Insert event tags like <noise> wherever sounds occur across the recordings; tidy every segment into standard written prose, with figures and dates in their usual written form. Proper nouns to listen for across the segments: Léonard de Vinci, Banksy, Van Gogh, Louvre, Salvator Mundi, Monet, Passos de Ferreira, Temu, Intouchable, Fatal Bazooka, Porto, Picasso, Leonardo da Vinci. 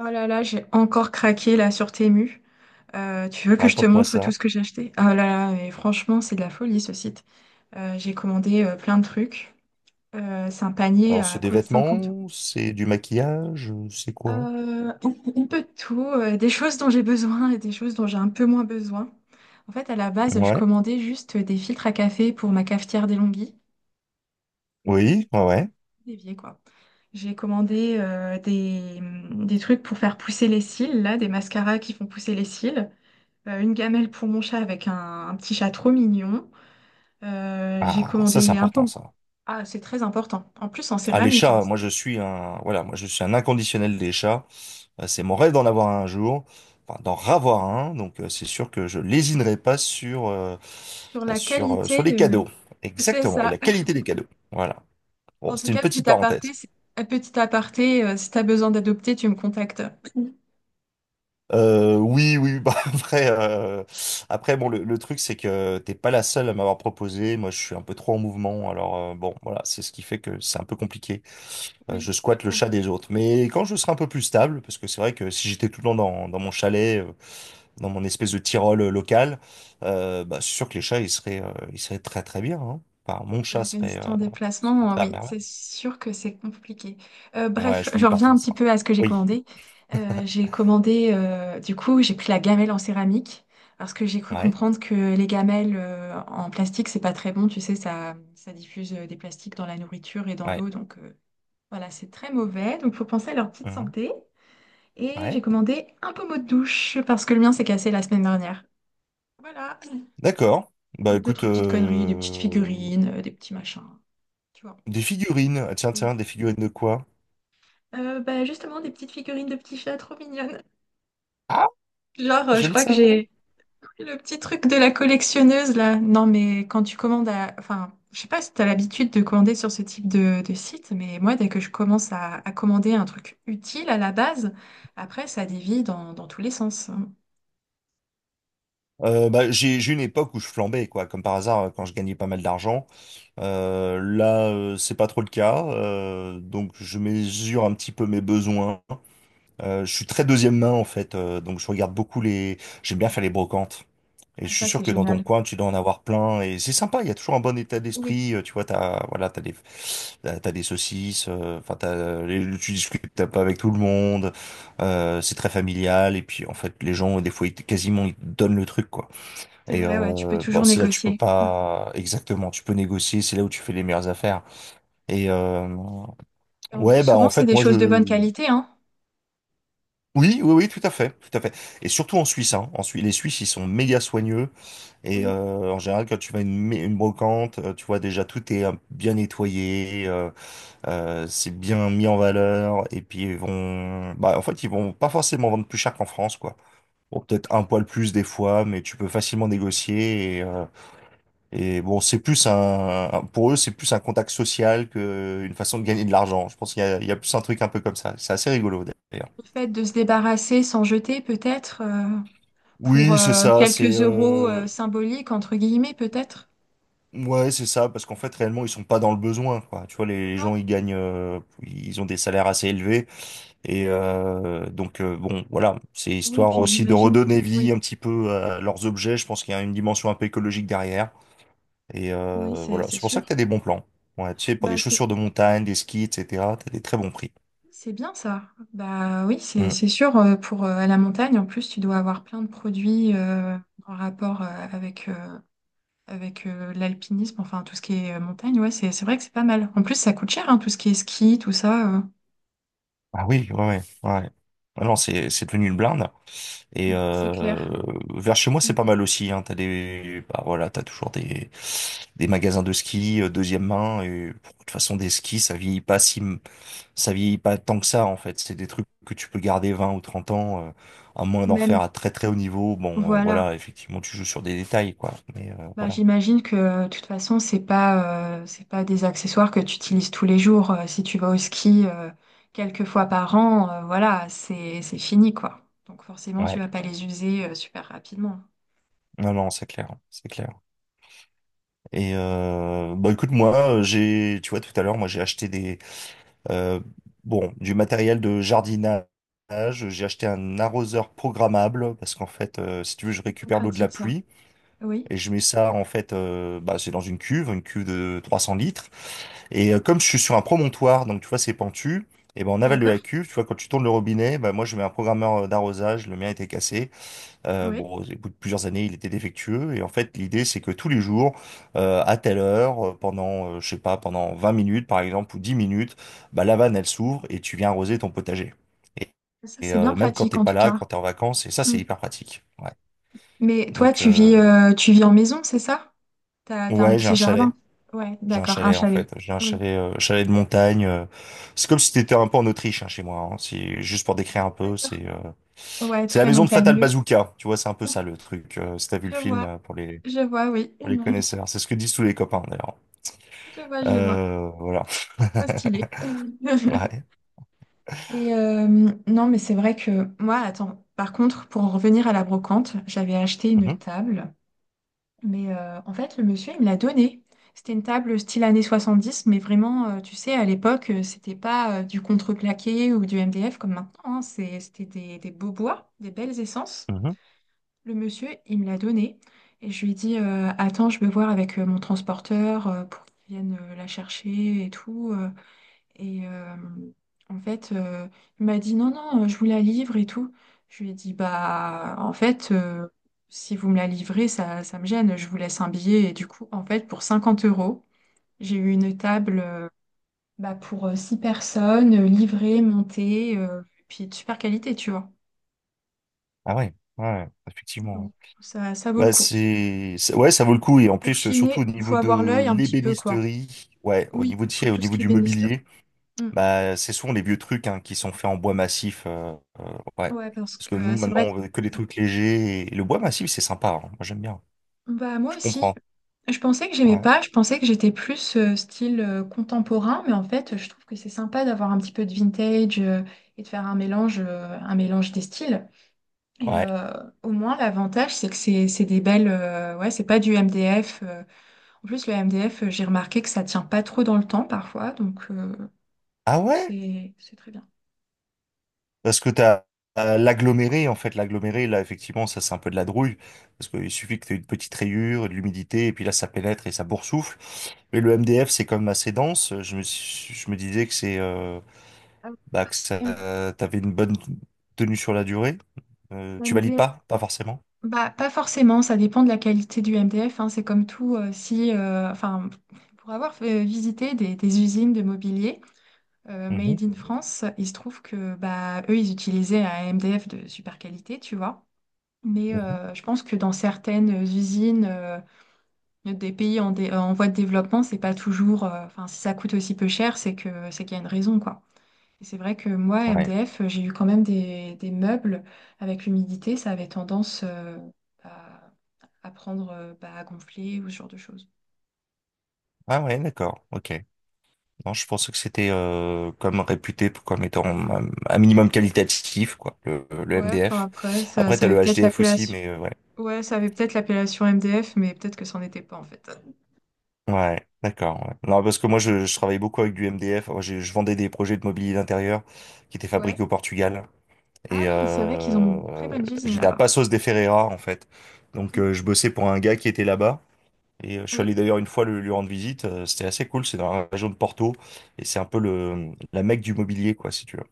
Oh là là, j'ai encore craqué là sur Temu. Tu veux que je te Raconte-moi montre tout ça. ce que j'ai acheté? Oh là là, mais franchement, c'est de la folie ce site. J'ai commandé plein de trucs. C'est un panier Alors, c'est à des quoi 50 euros. vêtements, c'est du maquillage, c'est quoi? Euh, un peu de tout, des choses dont j'ai besoin et des choses dont j'ai un peu moins besoin. En fait, à la base, je Ouais. commandais juste des filtres à café pour ma cafetière d'Elonghi, Oui, ouais, ouais. d'évier quoi. J'ai commandé des trucs pour faire pousser les cils, là, des mascaras qui font pousser les cils. Une gamelle pour mon chat avec un petit chat trop mignon. J'ai Ah, ça, c'est commandé un important, pot. ça. Ah, c'est très important. En plus, en Ah, les céramique, hein. chats, moi, je suis un, voilà, moi, je suis un inconditionnel des chats. C'est mon rêve d'en avoir un jour. Enfin, d'en ravoir un. Donc, c'est sûr que je lésinerai pas sur, Sur la sur, sur qualité, les cadeaux. c'est Exactement. Et ça. la qualité des cadeaux. Voilà. Bon, En tout c'était une cas, petite petit aparté, parenthèse. Un petit aparté, si t'as besoin d'adopter, tu me contactes. Oui, oui, <laughs> bah après, après bon, le truc c'est que t'es pas la seule à m'avoir proposé. Moi, je suis un peu trop en mouvement, alors bon, voilà, c'est ce qui fait que c'est un peu compliqué. Oui, Je je squatte le comprends. chat des autres. Mais quand je serai un peu plus stable, parce que c'est vrai que si j'étais tout le temps dans mon chalet, dans mon espèce de Tyrol local, bah, c'est sûr que les chats ils seraient très très bien. Hein. Enfin, mon Ouais, chat mais si serait, en se déplacement, porterait à oui, merveille. c'est sûr que c'est compliqué. Euh, Ouais, je bref, je suis reviens parti de un ça. petit peu à ce que j'ai Oui, commandé. J'ai commandé, du coup, j'ai pris la gamelle en céramique parce que j'ai <laughs> cru ouais, comprendre que les gamelles en plastique, c'est pas très bon. Tu sais, ça diffuse des plastiques dans la nourriture et dans ouais, l'eau, donc voilà, c'est très mauvais. Donc, faut penser à leur petite Mhm. santé. Et j'ai ouais. commandé un pommeau de douche parce que le mien s'est cassé la semaine dernière. Voilà. D'accord. Bah Et écoute, d'autres petites conneries, des petites figurines, des petits machins, tu vois. des figurines. Ah, tiens, tiens, des figurines de quoi? Bah, justement, des petites figurines de petits chats trop mignonnes. Ah, Genre, je je le crois que savais. j'ai pris le petit truc de la collectionneuse là. Non, mais quand tu commandes à... Enfin, je sais pas si t'as l'habitude de commander sur ce type de site, mais moi, dès que je commence à commander un truc utile à la base, après, ça dévie dans tous les sens. Bah, j'ai une époque où je flambais, quoi, comme par hasard, quand je gagnais pas mal d'argent. Là, c'est pas trop le cas. Donc, je mesure un petit peu mes besoins. Je suis très deuxième main, en fait. Donc, je regarde beaucoup les J'aime bien faire les brocantes. Et Ah, je suis ça, sûr c'est que dans ton génial. coin, tu dois en avoir plein. Et c'est sympa, il y a toujours un bon état Oui, d'esprit. Tu vois, t'as, voilà, t'as des, t'as des saucisses. Enfin, tu discutes un peu avec tout le monde. C'est très familial. Et puis, en fait, les gens, des fois, quasiment, ils te donnent le truc, quoi. c'est Et vrai, ouais, tu peux bon, toujours c'est là, tu peux négocier. Mm. pas exactement. Tu peux négocier. C'est là où tu fais les meilleures affaires. Et Et en plus, ouais, bah, souvent, en c'est fait, des choses de bonne qualité, hein. oui, oui, oui, tout à fait, tout à fait. Et surtout en Suisse, hein. En Suisse, les Suisses, ils sont méga soigneux. Et Oui, en général, quand tu vas à une brocante, tu vois déjà tout est bien nettoyé, c'est bien mis en valeur. Et puis ils vont, bah en fait ils vont pas forcément vendre plus cher qu'en France, quoi. Bon, peut-être un oui. poil plus des fois, mais tu peux facilement négocier. Et bon, c'est plus un, pour eux c'est plus un contact social que une façon de gagner de l'argent. Je pense qu'il y a, il y a plus un truc un peu comme ça. C'est assez rigolo d'ailleurs. Le fait de se débarrasser sans jeter, peut-être, pour Oui, c'est ça. C'est quelques euros, symboliques, entre guillemets, peut-être. Ouais, c'est ça, parce qu'en fait, réellement, ils sont pas dans le besoin, quoi. Tu vois, les Non? gens, ils gagnent, ils ont des salaires assez élevés, et donc bon, voilà, c'est Oui, histoire puis aussi de j'imagine. redonner Oui, vie un petit peu à leurs objets. Je pense qu'il y a une dimension un peu écologique derrière, et oui, c'est voilà, c'est c'est pour ça que sûr. t'as des bons plans. Ouais, tu sais, pour des Bah, c'est chaussures de montagne, des skis, etc., t'as des très bons prix. c'est bien ça. Bah oui, c'est Mm. c'est sûr. Pour À la montagne, en plus, tu dois avoir plein de produits en rapport avec, l'alpinisme, enfin tout ce qui est montagne. Ouais, c'est vrai que c'est pas mal. En plus, ça coûte cher, hein, tout ce qui est ski, tout ça. Ah oui, ouais, ouais, ouais. Ah non, c'est devenu une blinde. Et Mm. C'est clair. Vers chez moi, c'est Et pas mal aussi. Hein. T'as des, bah voilà, t'as toujours des magasins de ski deuxième main. Et pff, de toute façon, des skis, ça vieillit pas tant que ça en fait. C'est des trucs que tu peux garder 20 ou 30 ans, à moins d'en même, faire à très très haut niveau. Bon, voilà. voilà, effectivement, tu joues sur des détails quoi. Mais Bah, voilà, j'imagine que, de toute façon, c'est pas des accessoires que tu utilises tous les jours. Si tu vas au ski, quelques fois par an, voilà, c'est fini, quoi. Donc forcément, tu ouais. vas pas les user super rapidement. Non, non, c'est clair, c'est clair. Et bah écoute, moi, j'ai, tu vois, tout à l'heure, moi, j'ai acheté des Euh, bon, du matériel de jardinage. J'ai acheté un arroseur programmable parce qu'en fait, si tu veux, je Bien récupère l'eau de la pratique, ça. pluie Oui, et je mets ça en fait, bah, c'est dans une cuve de 300 litres. Et comme je suis sur un promontoire, donc tu vois, c'est pentu. Et ben en aval de la d'accord. cuve, tu vois, quand tu tournes le robinet, bah, moi je mets un programmeur d'arrosage, le mien était cassé, Oui, bon, au bout de plusieurs années, il était défectueux. Et en fait, l'idée, c'est que tous les jours, à telle heure, pendant, je sais pas, pendant 20 minutes, par exemple, ou 10 minutes, bah, la vanne, elle s'ouvre et tu viens arroser ton potager. Et, ça, et, c'est euh, bien même quand pratique t'es en pas tout là, cas. quand t'es en vacances, et ça, c'est Mm. hyper pratique. Ouais. Mais toi, Donc, tu vis en maison, c'est ça? T'as un ouais, j'ai un petit chalet. jardin? Ouais, J'ai un d'accord, un chalet, en chalet. fait. J'ai un Oui, chalet, chalet de montagne. C'est comme si t'étais un peu en Autriche, hein, chez moi. Hein. C'est juste pour décrire un peu, d'accord. Ouais, C'est la très maison de Fatal montagneux. Bazooka, tu vois, c'est un peu ça le truc. Si t'as vu le Je film vois, je vois, oui. pour les <laughs> connaisseurs. C'est ce que disent tous les copains, d'ailleurs. Je vois, je vois. Voilà. Trop stylé. <laughs> <laughs> Ouais. Et euh, non, mais c'est vrai que moi, attends, par contre, pour en revenir à la brocante, j'avais acheté une Mhm, table, mais en fait, le monsieur, il me l'a donnée. C'était une table style années dix, mais vraiment, tu sais, à l'époque, c'était pas du contreplaqué ou du MDF comme maintenant, hein. C'était des beaux bois, des belles essences. mhm. Le monsieur, il me l'a donnée et je lui ai dit, attends, je vais voir avec mon transporteur pour qu'il vienne la chercher et tout. Et euh, en fait, il m'a dit non, non, je vous la livre et tout. Je lui ai dit, bah, en fait, si vous me la livrez, ça me gêne, je vous laisse un billet. Et du coup, en fait, pour 50 euros, j'ai eu une table, bah, pour six personnes, livrée, montée, puis de super qualité, tu vois. Ah ouais, ouais, ouais. Effectivement. Ouais. Donc, ça vaut le coup. Ouais, ça vaut le coup et en Pour plus chiner, surtout au il niveau faut avoir de l'œil un petit peu, quoi. l'ébénisterie, ouais, Oui, pour au tout ce niveau qui est du bénisterie. mobilier, Mm. bah c'est souvent les vieux trucs hein, qui sont faits en bois massif, ouais. Ouais, parce Parce que que nous c'est maintenant on vrai. veut que des trucs légers et le bois massif c'est sympa, hein. Moi j'aime bien. Bah moi Je aussi. comprends. Je pensais que j'aimais Ouais, pas, je pensais que j'étais plus style contemporain, mais en fait, je trouve que c'est sympa d'avoir un petit peu de vintage, et de faire un mélange des styles. Et ouais. euh, au moins, l'avantage, c'est que c'est des belles, ouais, c'est pas du MDF. En plus, le MDF, j'ai remarqué que ça tient pas trop dans le temps parfois, donc Ah ouais? c'est très bien. Parce que t'as as l'aggloméré, en fait, l'aggloméré, là, effectivement, ça, c'est un peu de la douille, parce qu'il suffit que t'aies une petite rayure, de l'humidité, et puis là, ça pénètre et ça boursoufle. Mais le MDF, c'est quand même assez dense. Je me disais que Ah, bah, que ça, M- t'avais une bonne tenue sur la durée. Tu valides D F. pas? Pas forcément. Bah, pas forcément, ça dépend de la qualité du MDF, hein, c'est comme tout, si, enfin, pour avoir visité des usines de mobilier Mhm, made in France, il se trouve que bah, eux, ils utilisaient un MDF de super qualité, tu vois. Mais mhm. euh, je pense que dans certaines usines des pays en voie de développement, c'est pas toujours, enfin, si ça coûte aussi peu cher, c'est que c'est qu'il y a une raison, quoi. Et c'est vrai que moi, à Ouais. MDF, j'ai eu quand même des meubles avec l'humidité, ça avait tendance à, à prendre, bah, à gonfler ou ce genre de choses. Ah ouais, d'accord, ok. Non, je pensais que c'était comme comme étant un minimum qualitatif, quoi, le Ouais, enfin MDF. après, ça, Après, ça t'as avait le peut-être HDF aussi, l'appellation. mais ouais. Ouais, ça avait peut-être l'appellation MDF, mais peut-être que c'en était pas en fait. Ouais, d'accord. Ouais. Non, parce que moi, je travaillais beaucoup avec du MDF. Moi, vendais des projets de mobilier d'intérieur qui étaient Ouais. fabriqués au Portugal. Ah Et oui, c'est vrai qu'ils ont une très bonne usine j'étais à là-bas. Passos de Ferreira, en fait. Donc, Mhm. Je bossais pour un gars qui était là-bas. Et je suis Oui, allé d'ailleurs une fois lui rendre visite. C'était assez cool. C'est dans la région de Porto. Et c'est un peu la Mecque du mobilier, quoi, si tu veux.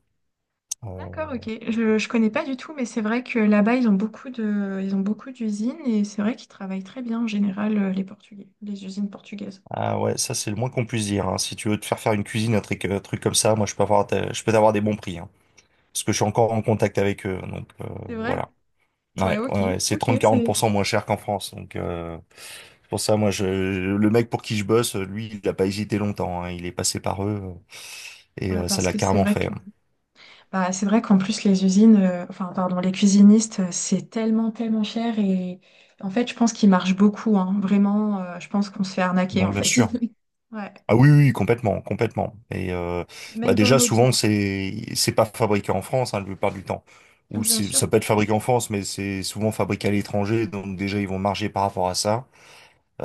Euh, d'accord, ok. Je connais pas du tout, mais c'est vrai que là-bas, ils ont beaucoup de, ils ont beaucoup d'usines et c'est vrai qu'ils travaillent très bien en général, les Portugais, les usines portugaises. ah ouais, ça, c'est le moins qu'on puisse dire. Hein. Si tu veux te faire faire une cuisine, un truc comme ça, moi, je peux t'avoir des bons prix. Hein. Parce que je suis encore en contact avec eux. Donc, C'est vrai. voilà. Ouais, Ouais, ok, ouais, ouais, c'est ok, 30-40% moins cher qu'en France. Donc c'est pour ça, le mec pour qui je bosse, lui, il a pas hésité longtemps. Hein. Il est passé par eux et ça parce l'a que c'est carrément vrai fait. que Hein. bah, c'est vrai qu'en plus les usines, enfin pardon, les cuisinistes, c'est tellement tellement cher et en fait je pense qu'ils marchent beaucoup, hein. Vraiment, je pense qu'on se fait arnaquer Bah, en bien fait. sûr. <laughs> Ouais, Ah oui, oui, oui, complètement, complètement. Et bah même dans le déjà, mobile, souvent, c'est pas fabriqué en France, hein, la plupart du temps. Bien sûr. Ça peut être fabriqué en France, mais c'est souvent fabriqué à l'étranger. Donc déjà, ils vont marger par rapport à ça.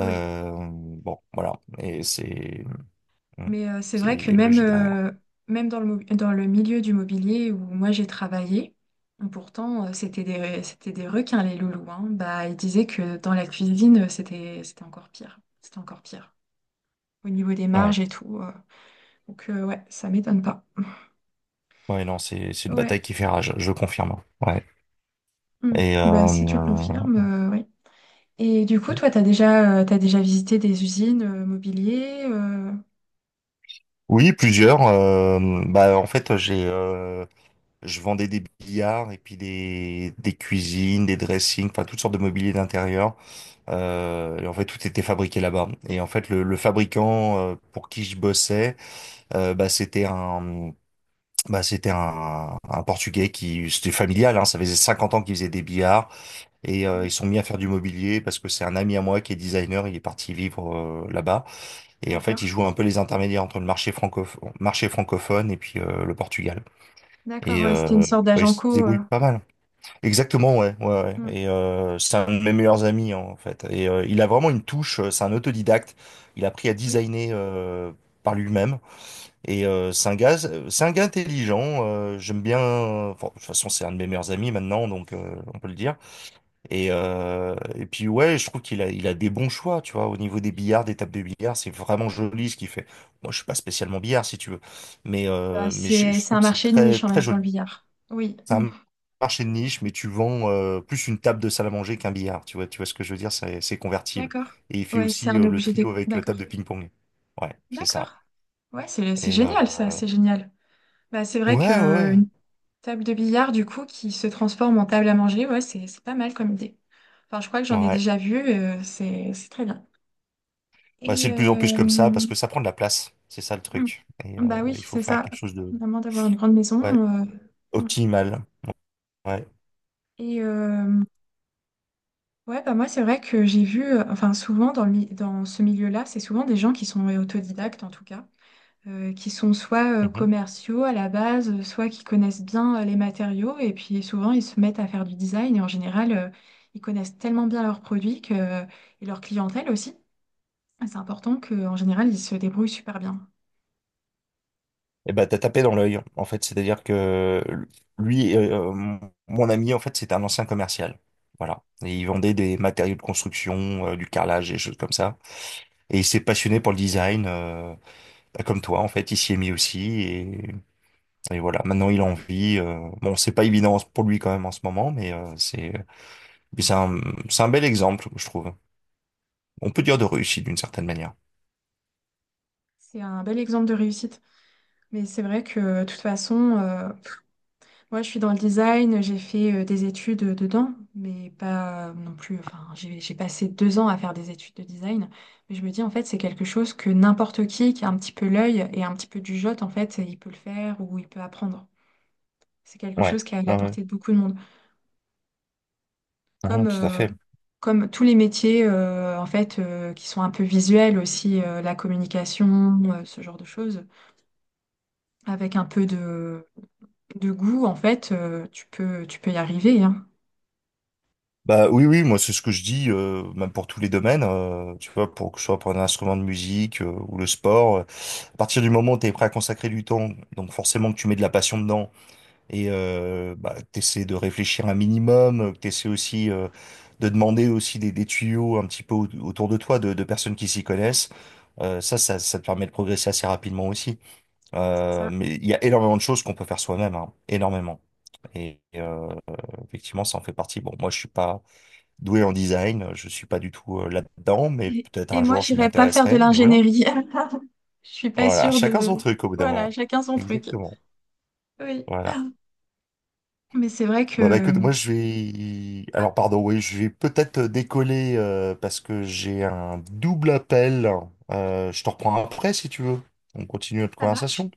Oui, Bon, voilà. Et c'est hmm, mais c'est c'est vrai il que y a une même, logique derrière. Même dans le milieu du mobilier où moi j'ai travaillé, pourtant, c'était des requins les loulous, hein. Bah ils disaient que dans la cuisine, c'était encore pire, c'était encore pire. Au niveau des Ouais. marges et tout. Donc, ouais, ça m'étonne pas. Ouais, non, c'est une Ouais. bataille qui fait rage, je confirme. Ouais. Hmm. Et Bah si tu confirmes, oui. Et du coup, toi, t'as déjà visité des usines mobilier oui, plusieurs. Bah, en fait, j'ai je vendais des billards et puis des cuisines, des dressings, enfin toutes sortes de mobilier d'intérieur. Et en fait, tout était fabriqué là-bas. Et en fait, le fabricant pour qui je bossais, euh, bah c'était un Bah, c'était un Portugais qui, c'était familial, hein, ça faisait 50 ans qu'il faisait des billards. Et ils Oui, sont mis à faire du mobilier parce que c'est un ami à moi qui est designer, il est parti vivre là-bas. Et en fait, ils d'accord. jouent un peu les intermédiaires entre le marché francophone et puis le Portugal. D'accord, Et ouais, c'était une sorte ouais, ils d'agent se co. Débrouillent pas mal. Exactement, ouais, ouais, ouais. Hmm. Et c'est un de mes meilleurs amis hein, en fait. Et il a vraiment une touche, c'est un autodidacte. Il a appris à Oui. designer par lui-même. Et c'est un gars intelligent. J'aime bien. Enfin, de toute façon, c'est un de mes meilleurs amis maintenant, donc on peut le dire. Et puis ouais, je trouve qu'il a, il a des bons choix, tu vois, au niveau des billards, des tables de billard, c'est vraiment joli ce qu'il fait. Moi, je suis pas spécialement billard, si tu veux, Bah, mais c'est, je c'est trouve un que c'est marché de très niche en très même temps, joli. le billard. Oui, C'est hmm. un marché de niche, mais tu vends plus une table de salle à manger qu'un billard, tu vois ce que je veux dire, c'est convertible. D'accord. Et il fait Ouais, c'est aussi un le objet trio avec table de d'accord. ping-pong. Ouais, c'est ça. D'accord. Ouais, c'est Et génial ça, c'est génial. Bah, c'est vrai ouais, que. ouais, Table de billard, du coup, qui se transforme en table à manger, ouais, c'est pas mal comme idée. Enfin, je crois que ouais. j'en ai Ouais. déjà vu, c'est très bien. Bah, c'est de plus en plus comme ça Hmm. parce que ça prend de la place, c'est ça le truc. Et Bah oui, il faut c'est faire ça, quelque chose de vraiment d'avoir une grande maison. ouais euh, hmm. optimal. Ouais. et euh, ouais, bah moi, c'est vrai que j'ai vu, enfin, souvent dans ce milieu-là, c'est souvent des gens qui sont autodidactes en tout cas. Qui sont soit, commerciaux à la base, soit qui connaissent bien, les matériaux. Et puis souvent, ils se mettent à faire du design. Et en général, ils connaissent tellement bien leurs produits, et leur clientèle aussi. C'est important qu'en général, ils se débrouillent super bien. Et bah t'as tapé dans l'œil, en fait. C'est-à-dire que lui, mon ami, en fait, c'était un ancien commercial. Voilà. Et il vendait des matériaux de construction, du carrelage, des choses comme ça. Et il s'est passionné pour le design, bah, comme toi, en fait. Il s'y est mis aussi. Et voilà. Maintenant, il en vit. Bon, c'est pas évident pour lui quand même en ce moment, mais c'est mais c'est un bel exemple, je trouve. On peut dire de réussite d'une certaine manière. C'est un bel exemple de réussite. Mais c'est vrai que de toute façon, ouais, je suis dans le design, j'ai fait des études dedans, mais pas, non plus. Enfin, j'ai passé 2 ans à faire des études de design, mais je me dis en fait c'est quelque chose que n'importe qui a un petit peu l'œil et un petit peu du jote en fait, il peut le faire ou il peut apprendre. C'est quelque Ouais. chose qui est à la Ouais, ouais. portée de beaucoup de monde, comme Ouais, tout à euh, fait. comme tous les métiers en fait qui sont un peu visuels aussi, la communication, ce genre de choses, avec un peu de goût en fait, tu peux y arriver, hein. Bah oui, oui, moi c'est ce que je dis, même pour tous les domaines, tu vois, pour que ce soit pour un instrument de musique ou le sport. À partir du moment où tu es prêt à consacrer du temps, donc forcément que tu mets de la passion dedans et bah, que t'essaies de réfléchir un minimum, que t'essaies aussi de demander aussi des tuyaux un petit peu autour de toi, de personnes qui s'y connaissent. Ça te permet de progresser assez rapidement aussi. Mais il y a énormément de choses qu'on peut faire soi-même, hein, énormément. Et effectivement, ça en fait partie. Bon, moi, je suis pas doué en design. Je suis pas du tout là-dedans, mais Et peut-être et un moi, jour je m'y j'irais pas faire de intéresserai. Mais voilà. l'ingénierie. <laughs> Je suis pas Voilà, sûre chacun son de... truc au bout d'un Voilà, moment. chacun son truc. Exactement. Oui. Voilà. Mais c'est vrai Bah, bah que... écoute, moi je vais Ah, Alors pardon, oui, je vais peut-être décoller parce que j'ai un double appel. Je te reprends après si tu veux. On continue notre ça marche. conversation.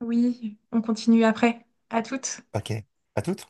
Oui, on continue après. À toutes. Ok. À toute.